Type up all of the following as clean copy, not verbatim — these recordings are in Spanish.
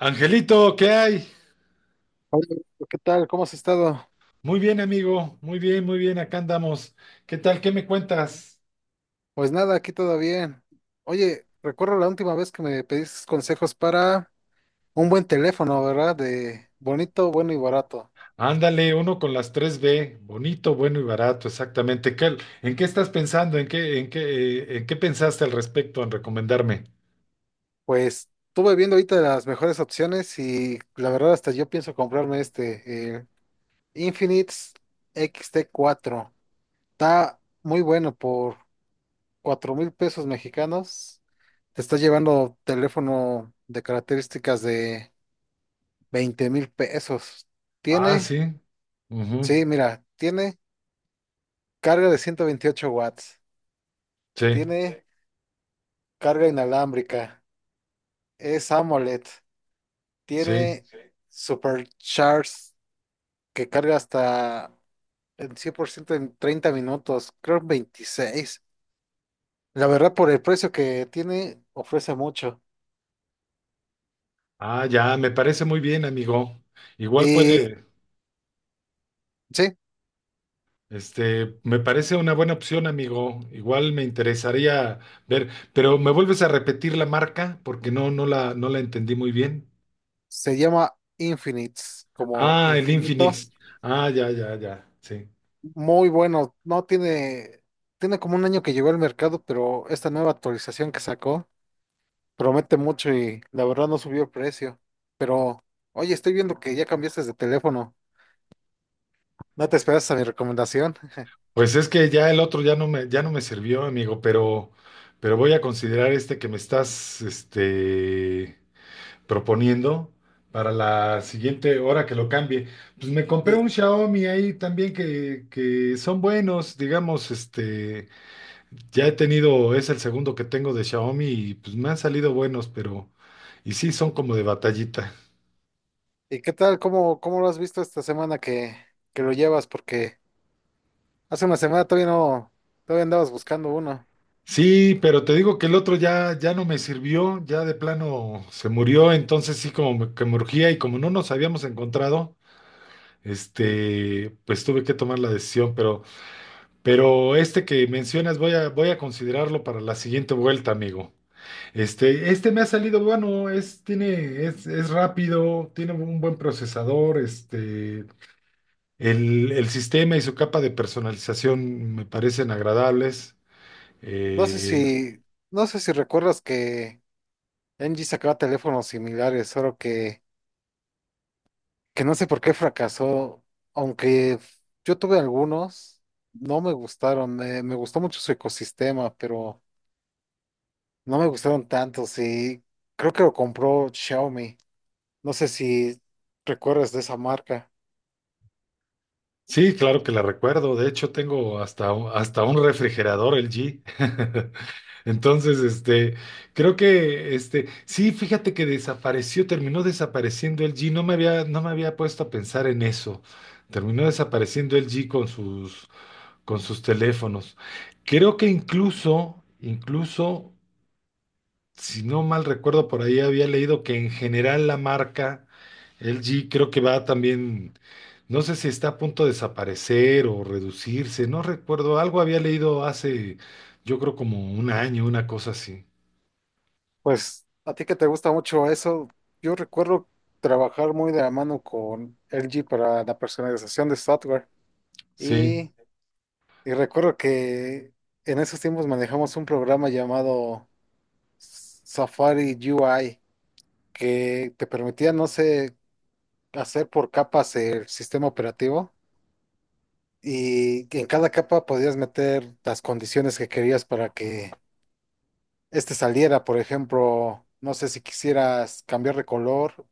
Angelito, ¿qué hay? Hola, ¿qué tal? ¿Cómo has estado? Muy bien, amigo. Muy bien, muy bien. Acá andamos. ¿Qué tal? ¿Qué me cuentas? Pues nada, aquí todo bien. Oye, recuerdo la última vez que me pediste consejos para un buen teléfono, ¿verdad? De bonito, bueno y barato. Ándale, uno con las tres b, bonito, bueno y barato, exactamente. ¿En qué estás pensando? ¿En qué pensaste al respecto en recomendarme? Pues estuve viendo ahorita las mejores opciones y la verdad hasta yo pienso comprarme este, el Infinix xt cuatro. Está muy bueno por 4,000 pesos mexicanos. Te está llevando teléfono de características de 20,000 pesos. Ah, Tiene. sí. Ujú. Sí, mira, tiene carga de 128 watts. Sí, Sí, tiene carga inalámbrica, es AMOLED, sí. tiene. Sí, Supercharge que carga hasta el 100% en 30 minutos, creo en 26. La verdad, por el precio que tiene, ofrece mucho. Ah, ya, me parece muy bien, amigo. Igual Y puede. sí, Este, me parece una buena opción, amigo. Igual me interesaría ver, pero ¿me vuelves a repetir la marca? Porque no, no la entendí muy bien. se llama Infinites, como Ah, el infinito. Infinix. Ah, ya, ya, ya. Sí. Muy bueno, no tiene, tiene como un año que llegó al mercado, pero esta nueva actualización que sacó promete mucho y la verdad no subió el precio. Pero, oye, estoy viendo que ya cambiaste de teléfono. No te esperas a mi recomendación. Pues es que ya el otro ya no me sirvió, amigo, pero, voy a considerar este que me estás, este, proponiendo para la siguiente hora que lo cambie. Pues me compré ¿Y, un Xiaomi ahí también que son buenos, digamos, este. Ya he tenido, es el segundo que tengo de Xiaomi y pues me han salido buenos, pero, y sí, son como de batallita. y qué tal? ¿Cómo lo has visto esta semana que lo llevas? Porque hace una semana todavía no, todavía andabas buscando uno. Sí, pero te digo que el otro ya no me sirvió, ya de plano se murió, entonces sí que me urgía y como no nos habíamos encontrado, este, pues tuve que tomar la decisión, pero, este que mencionas voy a considerarlo para la siguiente vuelta, amigo. Este me ha salido bueno, tiene, es rápido, tiene un buen procesador, este, el sistema y su capa de personalización me parecen agradables. No sé Eh, si, no sé si recuerdas que LG sacaba teléfonos similares, solo que no sé por qué fracasó. Aunque yo tuve algunos, no me gustaron. Me gustó mucho su ecosistema, pero no me gustaron tanto, sí. Creo que lo compró Xiaomi. No sé si recuerdas de esa marca. sí, claro que la recuerdo. De hecho, tengo hasta un refrigerador LG. Entonces, este, creo que, este, sí, fíjate que desapareció, terminó desapareciendo LG. No me había puesto a pensar en eso. Terminó desapareciendo L G con sus teléfonos. Creo que incluso si no mal recuerdo, por ahí había leído que en general la marca LG creo que va también, no sé si está a punto de desaparecer o reducirse, no recuerdo, algo había leído hace, yo creo como un año, una cosa así. Pues a ti que te gusta mucho eso, yo recuerdo trabajar muy de la mano con LG para la personalización de software. Sí. Y, y recuerdo que en esos tiempos manejamos un programa llamado Safari UI que te permitía, no sé, hacer por capas el sistema operativo. Y que en cada capa podías meter las condiciones que querías para que este saliera. Por ejemplo, no sé si quisieras cambiar de color,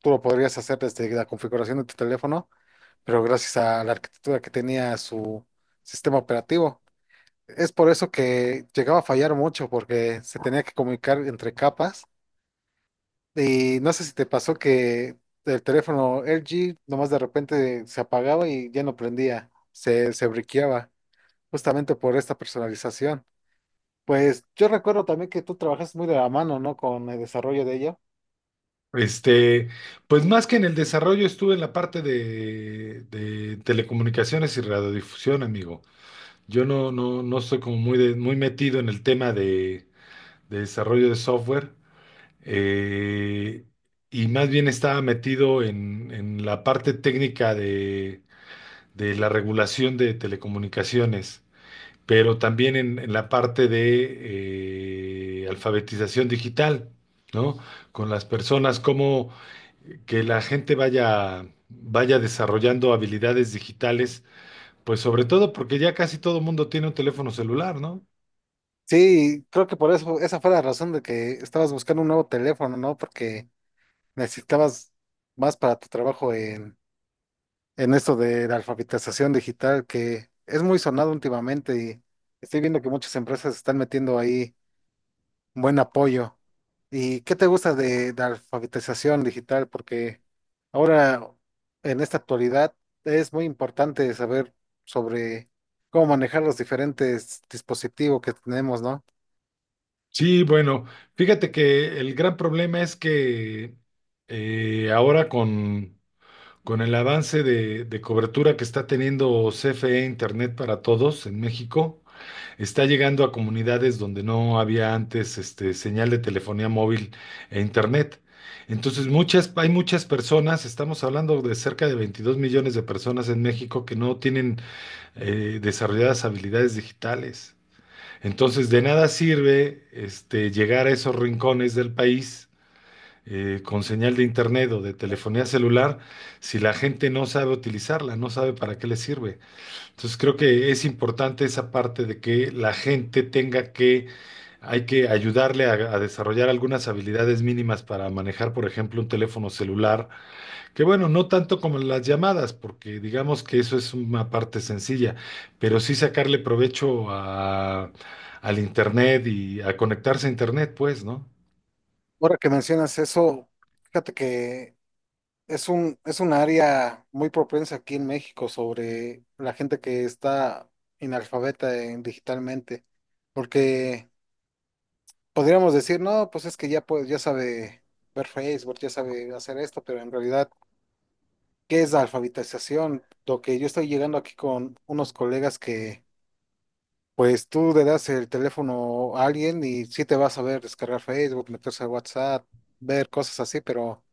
tú lo podrías hacer desde la configuración de tu teléfono, pero gracias a la arquitectura que tenía su sistema operativo. Es por eso que llegaba a fallar mucho, porque se tenía que comunicar entre capas. Y no sé si te pasó que el teléfono LG nomás de repente se apagaba y ya no prendía, se briqueaba, justamente por esta personalización. Pues yo recuerdo también que tú trabajas muy de la mano, ¿no? Con el desarrollo de ello. Este, pues más que en el desarrollo estuve en la parte de telecomunicaciones y radiodifusión, amigo. Yo no, no, no estoy como muy, muy metido en el tema de desarrollo de software. eh, y más bien estaba metido en la parte técnica de la regulación de telecomunicaciones, pero también en la parte de alfabetización digital, ¿no? Con las personas, cómo que la gente vaya desarrollando habilidades digitales, pues sobre todo porque ya casi todo mundo tiene un teléfono celular, ¿no? Sí, creo que por eso, esa fue la razón de que estabas buscando un nuevo teléfono, ¿no? Porque necesitabas más para tu trabajo en esto de la alfabetización digital, que es muy sonado últimamente y estoy viendo que muchas empresas están metiendo ahí buen apoyo. ¿Y qué te gusta de alfabetización digital? Porque ahora, en esta actualidad, es muy importante saber sobre cómo manejar los diferentes dispositivos que tenemos, ¿no? Sí, bueno, fíjate que el gran problema es que ahora con el avance de cobertura que está teniendo CFE Internet para Todos en México, está llegando a comunidades donde no había antes este, señal de telefonía móvil e Internet. Entonces, hay muchas personas, estamos hablando de cerca de 22 millones de personas en México que no tienen desarrolladas habilidades digitales. Entonces, de nada sirve este, llegar a esos rincones del país con señal de internet o de telefonía celular si la gente no sabe utilizarla, no sabe para qué le sirve. Entonces, creo que es importante esa parte de que la gente hay que ayudarle a desarrollar algunas habilidades mínimas para manejar, por ejemplo, un teléfono celular que bueno, no tanto como las llamadas, porque digamos que eso es una parte sencilla, pero sí sacarle provecho al internet y a conectarse a internet, pues, ¿no? Ahora que mencionas eso, fíjate que es un área muy propensa aquí en México sobre la gente que está analfabeta digitalmente, porque podríamos decir, no, pues es que ya, pues, ya sabe ver Facebook, ya sabe hacer esto, pero en realidad, ¿qué es la alfabetización? Lo que yo estoy llegando aquí con unos colegas que, pues tú le das el teléfono a alguien y sí te va a saber descargar Facebook, meterse a WhatsApp, ver cosas así, pero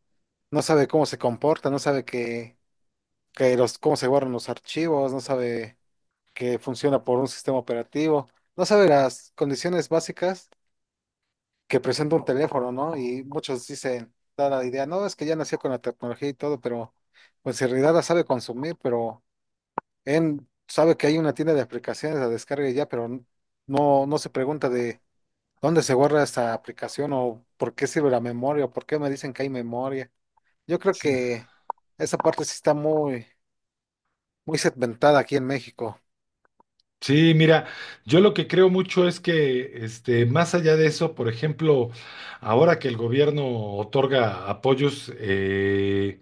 no sabe cómo se comporta, no sabe que, cómo se guardan los archivos, no sabe que funciona por un sistema operativo, no sabe las condiciones básicas que presenta un teléfono, ¿no? Y muchos dicen, da la idea, no, es que ya nació con la tecnología y todo, pero pues en realidad la sabe consumir, pero él sabe que hay una tienda de aplicaciones, la descarga y ya, pero no, no se pregunta de dónde se guarda esta aplicación o por qué sirve la memoria o por qué me dicen que hay memoria. Yo creo Sí, que esa parte sí está muy, muy segmentada aquí en México sí, mira, yo lo que creo mucho es que, este, más allá de eso, por ejemplo, ahora que el gobierno otorga apoyos,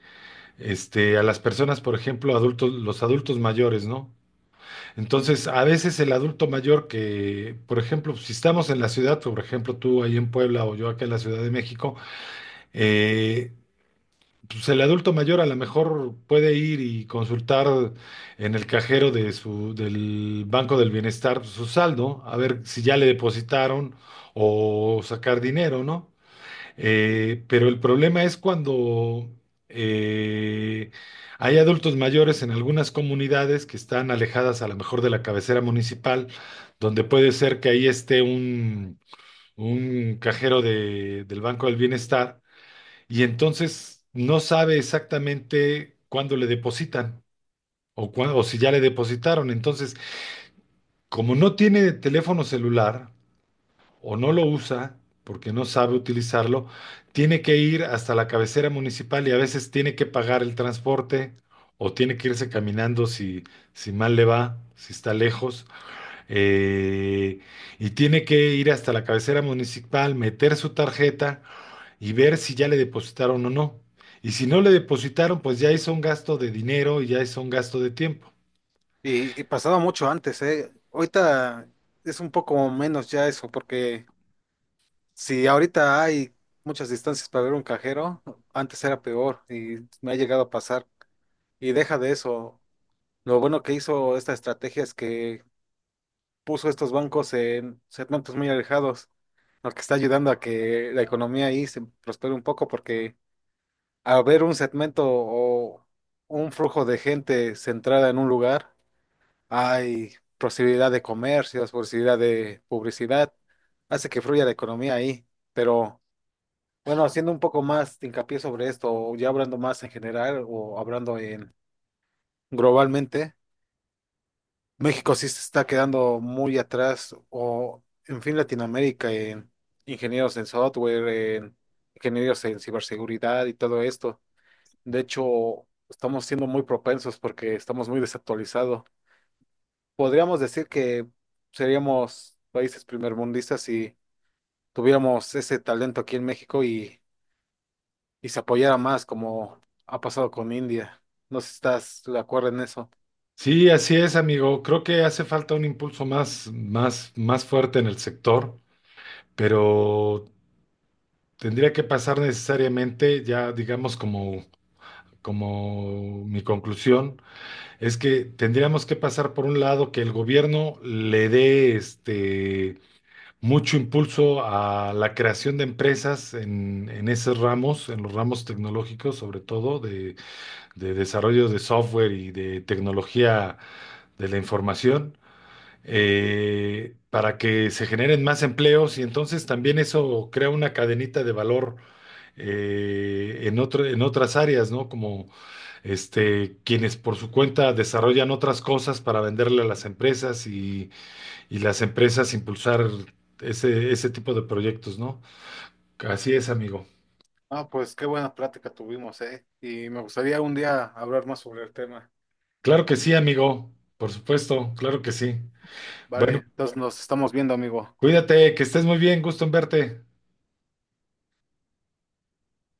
este, a las personas, por ejemplo, adultos, los adultos mayores, ¿no? Entonces, a veces el adulto mayor que, por ejemplo, si estamos en la ciudad, por ejemplo, tú ahí en Puebla o yo acá en la Ciudad de México, eh, pues el adulto mayor a lo mejor puede ir y consultar en el cajero del Banco del Bienestar su saldo, a ver si ya le depositaron o sacar dinero, ¿no? Pero el problema es cuando eh, hay adultos mayores en algunas comunidades que están alejadas a lo mejor de la cabecera municipal, donde puede ser que ahí esté un cajero del Banco del Bienestar y entonces no sabe exactamente cuándo le depositan o si ya le depositaron. Entonces, como no tiene teléfono celular, o no lo usa porque no sabe utilizarlo, tiene que ir hasta la cabecera municipal y a veces tiene que pagar el transporte o tiene que irse caminando si, si mal le va, si está lejos, eh, y tiene que ir hasta la cabecera municipal, meter su tarjeta y ver si ya le depositaron o no. Y si no le depositaron, pues ya hizo un gasto de dinero y ya hizo un gasto de tiempo. y pasaba mucho antes, ¿eh? Ahorita es un poco menos ya eso, porque... si ahorita hay muchas distancias para ver un cajero, antes era peor y me ha llegado a pasar. Y deja de eso. Lo bueno que hizo esta estrategia es que puso estos bancos en segmentos muy alejados, lo que está ayudando a que la economía ahí se prospere un poco porque al ver un segmento o un flujo de gente centrada en un lugar, hay posibilidad de comercios, posibilidad de publicidad, hace que fluya la economía ahí, pero... bueno, haciendo un poco más de hincapié sobre esto, o ya hablando más en general o hablando en globalmente, México sí se está quedando muy atrás, o en fin, Latinoamérica en ingenieros en software, en ingenieros en ciberseguridad y todo esto. De hecho, estamos siendo muy propensos porque estamos muy desactualizados. Podríamos decir que seríamos países primermundistas si tuviéramos ese talento aquí en México y se apoyara más como ha pasado con India. No sé si estás de acuerdo en eso. Sí, así es, amigo. Creo que hace falta un impulso más, más, más fuerte en el sector. Pero tendría que pasar necesariamente, ya digamos como, como mi conclusión, es que tendríamos que pasar por un lado que el gobierno le dé este mucho impulso a la creación de empresas en esos ramos, en los ramos tecnológicos, sobre todo de desarrollo de software y de tecnología de la información para que se generen más empleos y entonces también eso crea una cadenita de valor en en otras áreas, ¿no? Como este, quienes por su cuenta desarrollan otras cosas para venderle a las empresas y las empresas impulsar ese tipo de proyectos, ¿no? Así es, amigo. Ah, pues qué buena plática tuvimos, ¿eh? Y me gustaría un día hablar más sobre el tema. Claro que sí, amigo. Por supuesto, claro que sí. Vale, Bueno, entonces nos estamos viendo, amigo. cuídate, que estés muy bien, gusto en verte.